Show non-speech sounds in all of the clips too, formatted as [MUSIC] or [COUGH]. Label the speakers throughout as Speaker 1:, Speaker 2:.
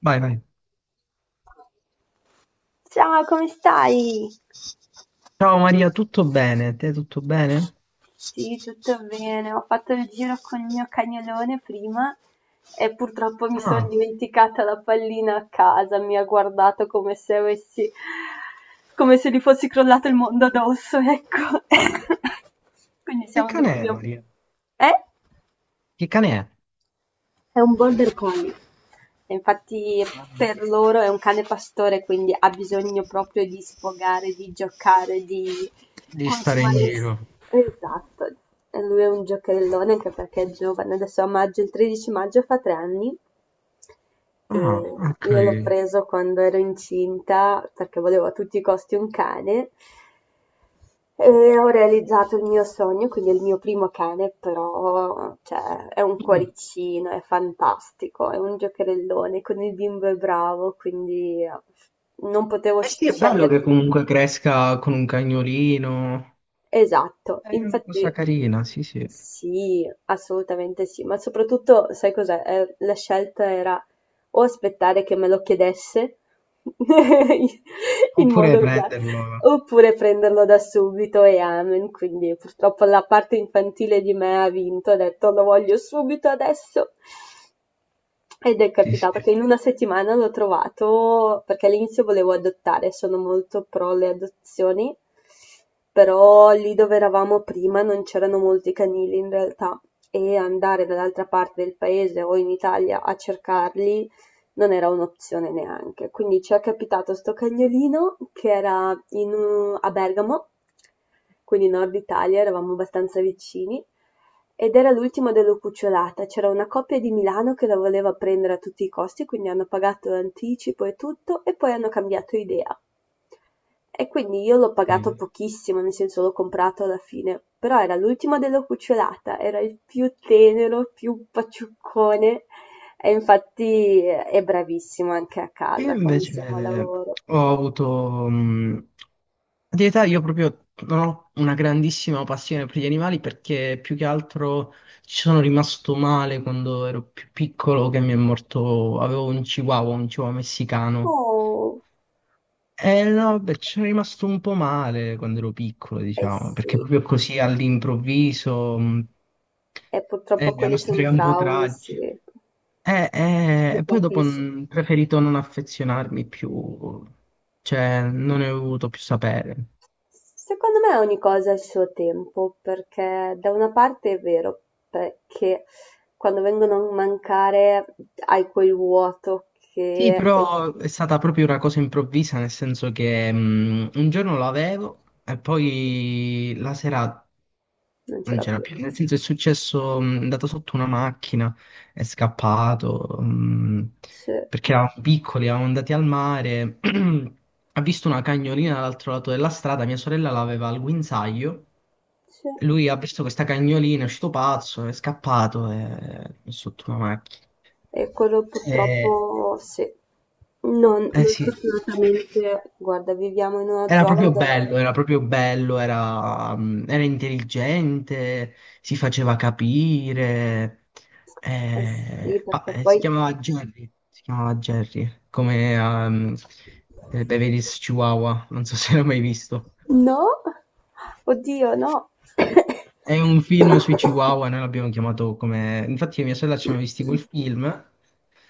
Speaker 1: Vai, vai.
Speaker 2: Ciao, come stai?
Speaker 1: Ciao, Maria, tutto bene? Te tutto bene?
Speaker 2: Sì, tutto bene. Ho fatto il giro con il mio cagnolone prima e purtroppo mi sono
Speaker 1: Ah,
Speaker 2: dimenticata la pallina a casa. Mi ha guardato come se avessi, come se gli fosse crollato il mondo addosso, ecco. [LAUGHS] Quindi
Speaker 1: che
Speaker 2: siamo dove
Speaker 1: cane è,
Speaker 2: abbiamo.
Speaker 1: Maria?
Speaker 2: Eh?
Speaker 1: Che cane è?
Speaker 2: È un border collie. Infatti
Speaker 1: Vai.
Speaker 2: per loro è un cane pastore, quindi ha bisogno proprio di sfogare, di giocare, di
Speaker 1: Di stare
Speaker 2: consumare.
Speaker 1: in giro.
Speaker 2: Esatto, e lui è un giocherellone anche perché è giovane, adesso a maggio, il 13 maggio fa 3 anni
Speaker 1: Ah,
Speaker 2: e
Speaker 1: ok.
Speaker 2: io l'ho preso quando ero incinta perché volevo a tutti i costi un cane e ho realizzato il mio sogno, quindi è il mio primo cane, però cioè, è un
Speaker 1: Mm.
Speaker 2: cuoricino, è fantastico, è un giocherellone, con il bimbo è bravo, quindi non potevo
Speaker 1: Eh sì, è bello
Speaker 2: scegliere.
Speaker 1: che
Speaker 2: Di
Speaker 1: comunque cresca con un cagnolino.
Speaker 2: Esatto,
Speaker 1: È una cosa
Speaker 2: infatti
Speaker 1: carina, sì, sì.
Speaker 2: sì, assolutamente sì, ma soprattutto sai cos'è? La scelta era o aspettare che me lo chiedesse [LAUGHS] in
Speaker 1: Oppure
Speaker 2: modo da.
Speaker 1: prenderlo.
Speaker 2: Oppure prenderlo da subito e amen, quindi purtroppo la parte infantile di me ha vinto, ha detto lo voglio subito adesso. Ed è
Speaker 1: Sì,
Speaker 2: capitato che in una settimana l'ho trovato perché all'inizio volevo adottare, sono molto pro le adozioni, però lì dove eravamo prima non c'erano molti canili in realtà e andare dall'altra parte del paese o in Italia a cercarli non era un'opzione neanche. Quindi ci è capitato sto cagnolino che era a Bergamo, quindi nord Italia, eravamo abbastanza vicini, ed era l'ultimo della cucciolata. C'era una coppia di Milano che la voleva prendere a tutti i costi, quindi hanno pagato l'anticipo e tutto, e poi hanno cambiato idea. E quindi io l'ho
Speaker 1: sì.
Speaker 2: pagato pochissimo, nel senso l'ho comprato alla fine, però era l'ultimo della cucciolata, era il più tenero, più paciuccone e infatti è bravissimo anche a
Speaker 1: Io
Speaker 2: casa quando siamo al
Speaker 1: invece
Speaker 2: lavoro.
Speaker 1: ho avuto, di età io proprio non ho una grandissima passione per gli animali, perché più che altro ci sono rimasto male quando ero più piccolo, che mi è morto... Avevo un chihuahua messicano.
Speaker 2: Oh,
Speaker 1: Eh no, beh, ci sono rimasto un po' male quando ero piccolo,
Speaker 2: eh
Speaker 1: diciamo, perché
Speaker 2: sì,
Speaker 1: proprio così all'improvviso.
Speaker 2: e
Speaker 1: Eh,
Speaker 2: purtroppo
Speaker 1: è
Speaker 2: quelli
Speaker 1: una
Speaker 2: sono
Speaker 1: storia un po'
Speaker 2: traumi,
Speaker 1: tragica.
Speaker 2: sì,
Speaker 1: Eh, eh,
Speaker 2: ti
Speaker 1: e poi dopo,
Speaker 2: capisco.
Speaker 1: ho preferito non affezionarmi più, cioè non ne ho voluto più sapere.
Speaker 2: Secondo me ogni cosa ha il suo tempo, perché da una parte è vero, perché quando vengono a mancare hai quel vuoto,
Speaker 1: Sì,
Speaker 2: che e,
Speaker 1: però è stata proprio una cosa improvvisa, nel senso che un giorno l'avevo e poi la sera...
Speaker 2: non
Speaker 1: Non
Speaker 2: c'era
Speaker 1: c'era
Speaker 2: più.
Speaker 1: più, nel senso è successo, è andato sotto una macchina, è scappato,
Speaker 2: Sì,
Speaker 1: perché eravamo piccoli, eravamo andati al mare, [CLEARS THROAT] ha visto una cagnolina dall'altro lato della strada, mia sorella l'aveva al guinzaglio,
Speaker 2: sì.
Speaker 1: lui ha visto questa cagnolina, è uscito pazzo, è scappato, è sotto una macchina.
Speaker 2: E quello
Speaker 1: Eh,
Speaker 2: purtroppo sì. Non,
Speaker 1: eh
Speaker 2: noi
Speaker 1: sì,
Speaker 2: fortunatamente, guarda, viviamo in una
Speaker 1: era
Speaker 2: zona
Speaker 1: proprio bello,
Speaker 2: dove.
Speaker 1: era proprio bello, era intelligente, si faceva capire.
Speaker 2: Eh
Speaker 1: eh,
Speaker 2: sì,
Speaker 1: ah,
Speaker 2: perché
Speaker 1: eh, si
Speaker 2: poi.
Speaker 1: chiamava Jerry, si chiamava Jerry, come Beverly's Chihuahua, non so [LAUGHS] se l'hai mai visto.
Speaker 2: No! Oddio, no! [COUGHS]
Speaker 1: È un film sui Chihuahua, noi l'abbiamo chiamato come... Infatti, mia sorella, ci hanno visti quel film,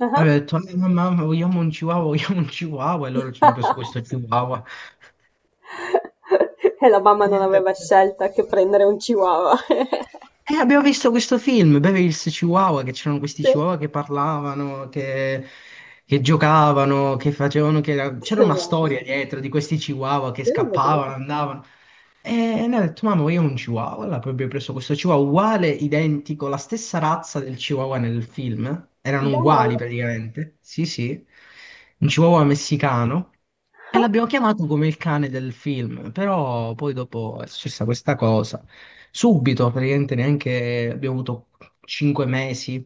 Speaker 2: Ah.
Speaker 1: aveva detto: mamma, vogliamo un Chihuahua, vogliamo un Chihuahua", e loro ci hanno preso questo
Speaker 2: [LAUGHS]
Speaker 1: Chihuahua.
Speaker 2: E la mamma non aveva scelta che prendere un chihuahua. [LAUGHS]
Speaker 1: E abbiamo visto questo film, Beverly's Chihuahua, che c'erano questi
Speaker 2: Sì,
Speaker 1: chihuahua che parlavano, che giocavano, che facevano, c'era
Speaker 2: che
Speaker 1: una
Speaker 2: bello.
Speaker 1: storia dietro, di questi chihuahua che
Speaker 2: Io non vedevo.
Speaker 1: scappavano, andavano. E ne ha detto: "Mamma, io ho un chihuahua". Allora poi abbiamo preso questo chihuahua uguale, identico, la stessa razza del chihuahua nel film. Erano
Speaker 2: Dai.
Speaker 1: uguali, praticamente. Sì, sì. Un chihuahua messicano. E
Speaker 2: Ah.
Speaker 1: l'abbiamo chiamato come il cane del film. Però poi dopo è successa questa cosa. Subito, praticamente, neanche abbiamo avuto 5 mesi.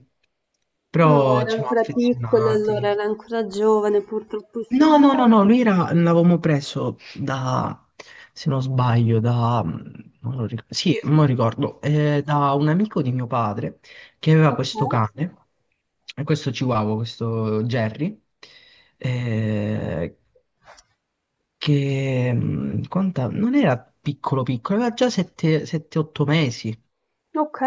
Speaker 2: No,
Speaker 1: Però
Speaker 2: era
Speaker 1: ci siamo
Speaker 2: ancora piccola, allora
Speaker 1: affezionati.
Speaker 2: era ancora giovane, purtroppo sì.
Speaker 1: No, no, no, no, lui era, l'avevamo preso da, se non sbaglio, da, mm, non lo ric- sì, non ricordo, da un amico di mio padre che aveva
Speaker 2: Ok,
Speaker 1: questo cane, questo Chihuahua, questo Jerry, eh, non era piccolo piccolo, aveva già 7-8 mesi.
Speaker 2: ok.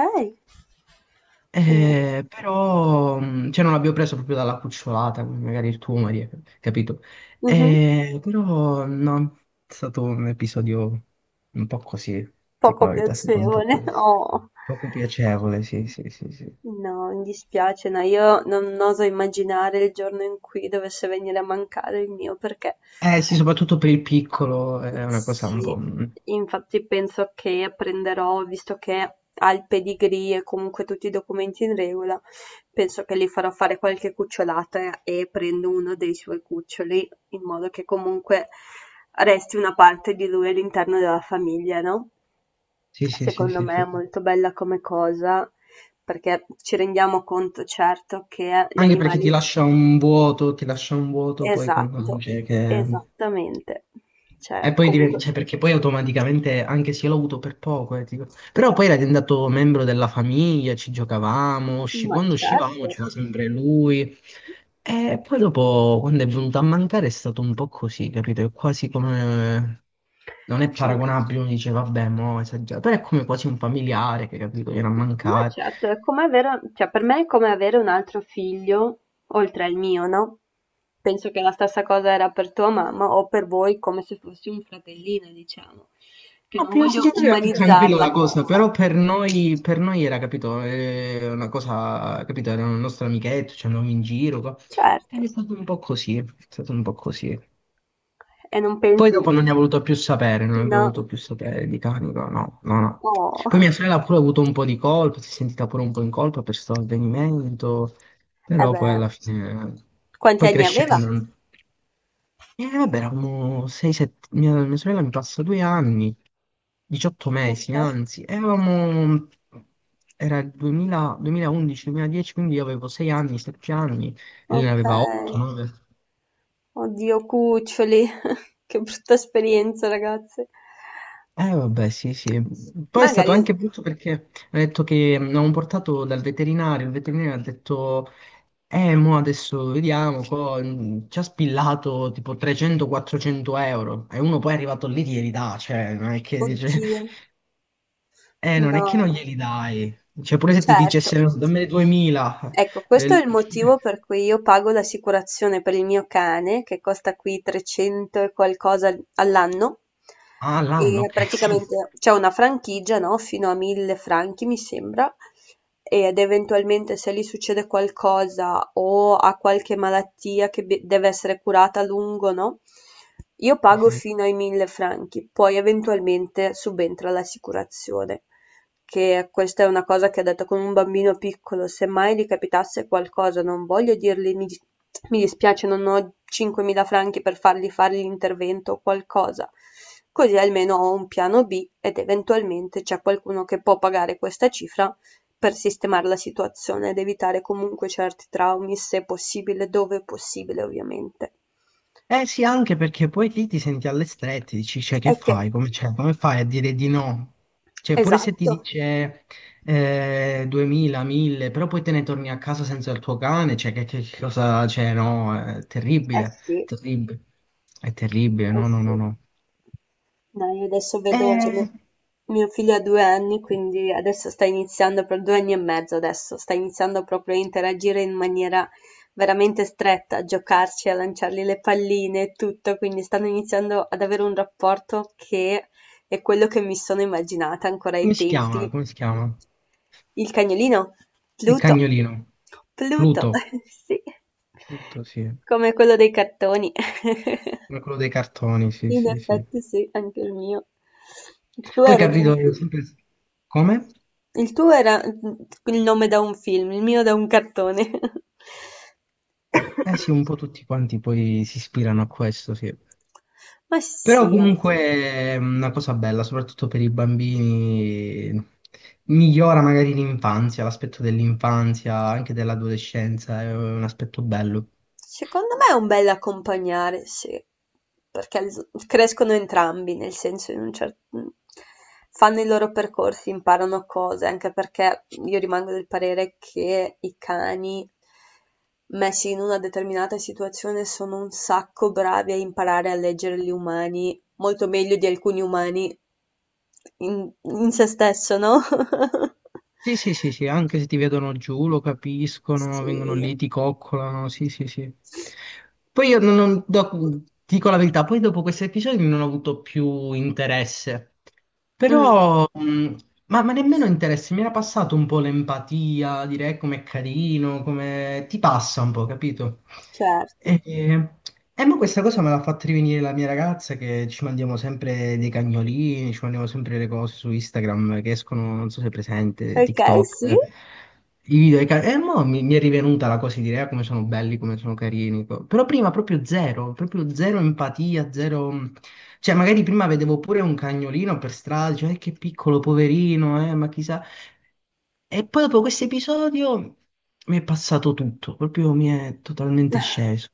Speaker 2: Quindi,
Speaker 1: Però, cioè non l'abbiamo preso proprio dalla cucciolata, come magari il tuo, Maria, capito?
Speaker 2: mh-mh,
Speaker 1: Però no, è stato un episodio un po' così, tipo
Speaker 2: poco
Speaker 1: la verità, è stato un po'
Speaker 2: piacevole.
Speaker 1: così.
Speaker 2: [LAUGHS] Oh.
Speaker 1: Poco piacevole, sì, sì, sì, sì.
Speaker 2: No, mi dispiace, no, io non oso immaginare il giorno in cui dovesse venire a mancare il mio perché
Speaker 1: Eh sì, soprattutto per il piccolo è una cosa un
Speaker 2: sì,
Speaker 1: po'... Mm.
Speaker 2: infatti penso che apprenderò, visto che ha il pedigree e comunque tutti i documenti in regola, penso che gli farò fare qualche cucciolata e prendo uno dei suoi cuccioli, in modo che comunque resti una parte di lui all'interno della famiglia, no?
Speaker 1: Sì, sì, sì,
Speaker 2: Secondo
Speaker 1: sì,
Speaker 2: me è
Speaker 1: sì.
Speaker 2: molto bella come cosa, perché ci rendiamo conto, certo, che gli
Speaker 1: Anche perché ti
Speaker 2: animali.
Speaker 1: lascia un vuoto, ti lascia un vuoto poi, quando
Speaker 2: Esatto,
Speaker 1: dice che...
Speaker 2: esattamente.
Speaker 1: E
Speaker 2: Cioè,
Speaker 1: poi,
Speaker 2: comunque.
Speaker 1: cioè, perché poi automaticamente, anche se io l'ho avuto per poco, però poi era diventato membro della famiglia, ci giocavamo,
Speaker 2: Ma
Speaker 1: quando uscivamo
Speaker 2: certo.
Speaker 1: c'era sempre lui. E poi dopo, quando è venuto a mancare, è stato un po' così, capito? È quasi come... Non è paragonabile, uno dice, vabbè, mo' esagerato, però è come quasi un familiare che, capito, viene a
Speaker 2: Ma
Speaker 1: mancare.
Speaker 2: certo, è come avere cioè per me è come avere un altro figlio oltre al mio, no, penso che la stessa cosa era per tua mamma o per voi come se fossi un fratellino, diciamo, che
Speaker 1: No,
Speaker 2: non
Speaker 1: prima
Speaker 2: voglio
Speaker 1: psichiatria era più
Speaker 2: umanizzar
Speaker 1: tranquilla
Speaker 2: la
Speaker 1: la cosa,
Speaker 2: cosa.
Speaker 1: però per noi era, capito, una cosa, capito, era un nostro amichetto, ci andavamo in giro,
Speaker 2: Certo,
Speaker 1: è stato un po' così, è stato un po' così.
Speaker 2: e non
Speaker 1: Poi
Speaker 2: pensi
Speaker 1: dopo non ne ha voluto più sapere, non abbiamo
Speaker 2: no.
Speaker 1: voluto più sapere di canico, no, no, no.
Speaker 2: Oh.
Speaker 1: Poi mia sorella ha pure avuto un po' di colpa, si è sentita pure un po' in colpa per questo avvenimento,
Speaker 2: Eh
Speaker 1: però poi
Speaker 2: beh,
Speaker 1: alla fine,
Speaker 2: quanti
Speaker 1: poi
Speaker 2: anni aveva?
Speaker 1: crescendo... E vabbè, eravamo 6-7, mia sorella mi passa 2 anni, 18 mesi
Speaker 2: Okay,
Speaker 1: anzi, e avevamo, era il 2000 2011-2010, quindi io avevo 6 anni, 7 anni, e lei ne aveva 8,
Speaker 2: okay.
Speaker 1: 9.
Speaker 2: Oddio, cuccioli. [LAUGHS] Che brutta esperienza, ragazze.
Speaker 1: Eh vabbè, sì, sì. Poi è stato
Speaker 2: Magari,
Speaker 1: anche brutto perché ha detto che, l'avevamo portato dal veterinario, il veterinario ha detto: Mo adesso vediamo", ci ha spillato tipo 300-400 euro, e uno poi è arrivato lì, ti gli dà, cioè, non è che dice...
Speaker 2: oddio,
Speaker 1: Non è che non
Speaker 2: no.
Speaker 1: glieli dai. Cioè, pure se ti
Speaker 2: Certo.
Speaker 1: dicesse: "No, dammene 2000".
Speaker 2: Ecco, questo è
Speaker 1: eh,
Speaker 2: il motivo
Speaker 1: [LAUGHS]
Speaker 2: per cui io pago l'assicurazione per il mio cane, che costa qui 300 e qualcosa all'anno,
Speaker 1: Ah, l'anno,
Speaker 2: e
Speaker 1: ok. [LAUGHS] Sì.
Speaker 2: praticamente c'è una franchigia, no? Fino a 1000 franchi, mi sembra, ed eventualmente se gli succede qualcosa o ha qualche malattia che deve essere curata a lungo, no? Io
Speaker 1: Sì,
Speaker 2: pago
Speaker 1: sì.
Speaker 2: fino ai 1000 franchi, poi eventualmente subentra l'assicurazione che questa è una cosa che ha detto con un bambino piccolo, se mai gli capitasse qualcosa, non voglio dirgli mi dispiace, non ho 5.000 franchi per fargli fare l'intervento o qualcosa. Così almeno ho un piano B ed eventualmente c'è qualcuno che può pagare questa cifra per sistemare la situazione ed evitare comunque certi traumi, se possibile, dove è possibile, ovviamente.
Speaker 1: Eh sì, anche perché poi lì ti senti alle strette, dici, cioè, che
Speaker 2: È che,
Speaker 1: fai? Come, cioè, come fai a dire di no? Cioè, pure se ti
Speaker 2: esatto,
Speaker 1: dice 2000, 1000, però poi te ne torni a casa senza il tuo cane, cioè, che cosa, cioè, no, è
Speaker 2: eh
Speaker 1: terribile,
Speaker 2: sì,
Speaker 1: terribile, è terribile,
Speaker 2: eh
Speaker 1: no, no, no,
Speaker 2: sì.
Speaker 1: no.
Speaker 2: No, io adesso vedo, cioè,
Speaker 1: Eh,
Speaker 2: mio figlio ha 2 anni, quindi adesso sta iniziando, per 2 anni e mezzo adesso, sta iniziando proprio a interagire in maniera veramente stretta, a giocarci, a lanciargli le palline e tutto, quindi stanno iniziando ad avere un rapporto che è quello che mi sono immaginata ancora ai
Speaker 1: Come si chiama?
Speaker 2: tempi.
Speaker 1: Come si chiama?
Speaker 2: Il cagnolino,
Speaker 1: Il
Speaker 2: Pluto,
Speaker 1: cagnolino.
Speaker 2: Pluto,
Speaker 1: Pluto.
Speaker 2: [LAUGHS] sì,
Speaker 1: Pluto, sì.
Speaker 2: come quello dei cartoni. [LAUGHS]
Speaker 1: Come quello dei cartoni, sì,
Speaker 2: In
Speaker 1: sì, sì.
Speaker 2: effetti sì, anche il mio. Tu
Speaker 1: Poi,
Speaker 2: eri di.
Speaker 1: capito, io sempre... Come?
Speaker 2: Il tuo era il nome da un film, il mio da un cartone. [LAUGHS]
Speaker 1: Eh sì, un po' tutti quanti poi si ispirano a questo, sì.
Speaker 2: Ma
Speaker 1: Però
Speaker 2: sì, alla
Speaker 1: comunque
Speaker 2: fine.
Speaker 1: è una cosa bella, soprattutto per i bambini, migliora magari l'infanzia, l'aspetto dell'infanzia, anche dell'adolescenza, è un aspetto bello.
Speaker 2: Secondo me è un bel accompagnare, sì, perché crescono entrambi, nel senso in un certo. Fanno i loro percorsi, imparano cose, anche perché io rimango del parere che i cani messi in una determinata situazione sono un sacco bravi a imparare a leggere gli umani, molto meglio di alcuni umani in se stesso, no? [LAUGHS]
Speaker 1: Sì, sì, sì, sì, anche se ti vedono giù, lo capiscono, vengono
Speaker 2: Sì.
Speaker 1: lì, ti coccolano, sì, sì, sì. Poi io dico la verità, poi dopo questi episodi non ho avuto più interesse.
Speaker 2: Mh.
Speaker 1: Però, ma nemmeno interessi, mi era passato un po' l'empatia, direi com'è carino, come ti passa un po', capito?
Speaker 2: Certo.
Speaker 1: E, ma questa cosa me l'ha fatta rivenire la mia ragazza, che ci mandiamo sempre dei cagnolini, ci mandiamo sempre le cose su Instagram che escono, non so se è presente,
Speaker 2: Okay, sì.
Speaker 1: TikTok. I video dei cani. E mo mi è rivenuta la cosa di dire: "Ah, come sono belli, come sono carini". Però prima proprio zero empatia, zero... Cioè, magari prima vedevo pure un cagnolino per strada, dicevo: che piccolo, poverino, ma chissà". E poi dopo questo episodio mi è passato tutto, proprio mi è totalmente sceso.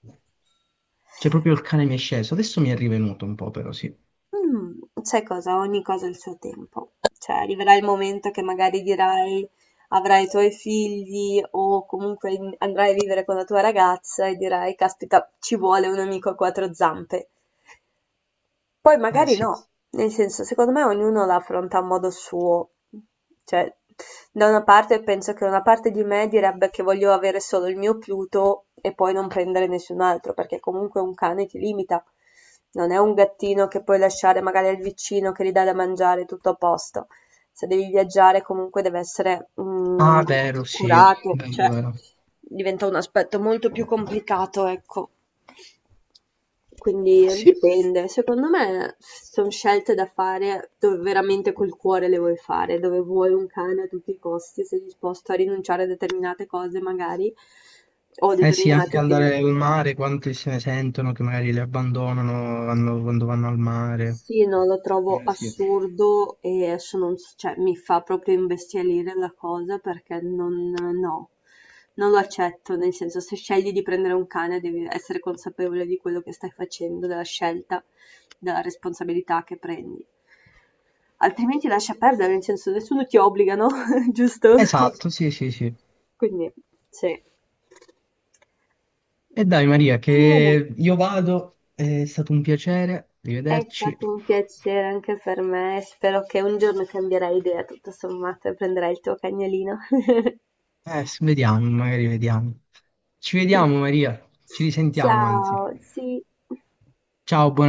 Speaker 1: Cioè, proprio il cane mi è sceso. Adesso mi è rivenuto un po', però, sì.
Speaker 2: Sai cosa, ogni cosa ha il suo tempo. Cioè arriverà il momento che magari dirai avrai i tuoi figli o comunque in andrai a vivere con la tua ragazza e dirai: "Caspita, ci vuole un amico a quattro zampe". Poi magari
Speaker 1: Sì.
Speaker 2: no, nel senso, secondo me ognuno la affronta a modo suo. Cioè, da una parte penso che una parte di me direbbe che voglio avere solo il mio Pluto e poi non prendere nessun altro, perché comunque un cane ti limita. Non è un gattino che puoi lasciare magari al vicino che gli dà da mangiare tutto a posto. Se devi viaggiare comunque deve essere
Speaker 1: Ah, vero, sì.
Speaker 2: curato,
Speaker 1: Vero,
Speaker 2: cioè
Speaker 1: vero.
Speaker 2: diventa un aspetto molto più complicato, ecco. Quindi
Speaker 1: Sì.
Speaker 2: dipende, secondo me sono scelte da fare dove veramente col cuore le vuoi fare, dove vuoi un cane a tutti i costi, sei disposto a rinunciare a determinate cose magari o a
Speaker 1: Eh sì, anche
Speaker 2: determinati
Speaker 1: andare
Speaker 2: tempi.
Speaker 1: al mare, quante se ne sentono che magari le abbandonano, quando vanno al mare.
Speaker 2: Sì, no, lo trovo
Speaker 1: Eh sì.
Speaker 2: assurdo e sono cioè, mi fa proprio imbestialire la cosa perché non, no, non lo accetto, nel senso se scegli di prendere un cane devi essere consapevole di quello che stai facendo, della scelta, della responsabilità che prendi. Altrimenti lascia perdere, nel senso nessuno ti obbliga, no? [LAUGHS] Giusto?
Speaker 1: Esatto, sì, sì, sì.
Speaker 2: Quindi, sì.
Speaker 1: E dai, Maria, che io vado, è stato un piacere,
Speaker 2: È
Speaker 1: rivederci.
Speaker 2: stato un piacere anche per me e spero che un giorno cambierai idea, tutto sommato, e prenderai il tuo cagnolino. [LAUGHS]
Speaker 1: Vediamo, magari vediamo. Ci vediamo, Maria, ci risentiamo, anzi.
Speaker 2: Ciao, sì.
Speaker 1: Ciao, buona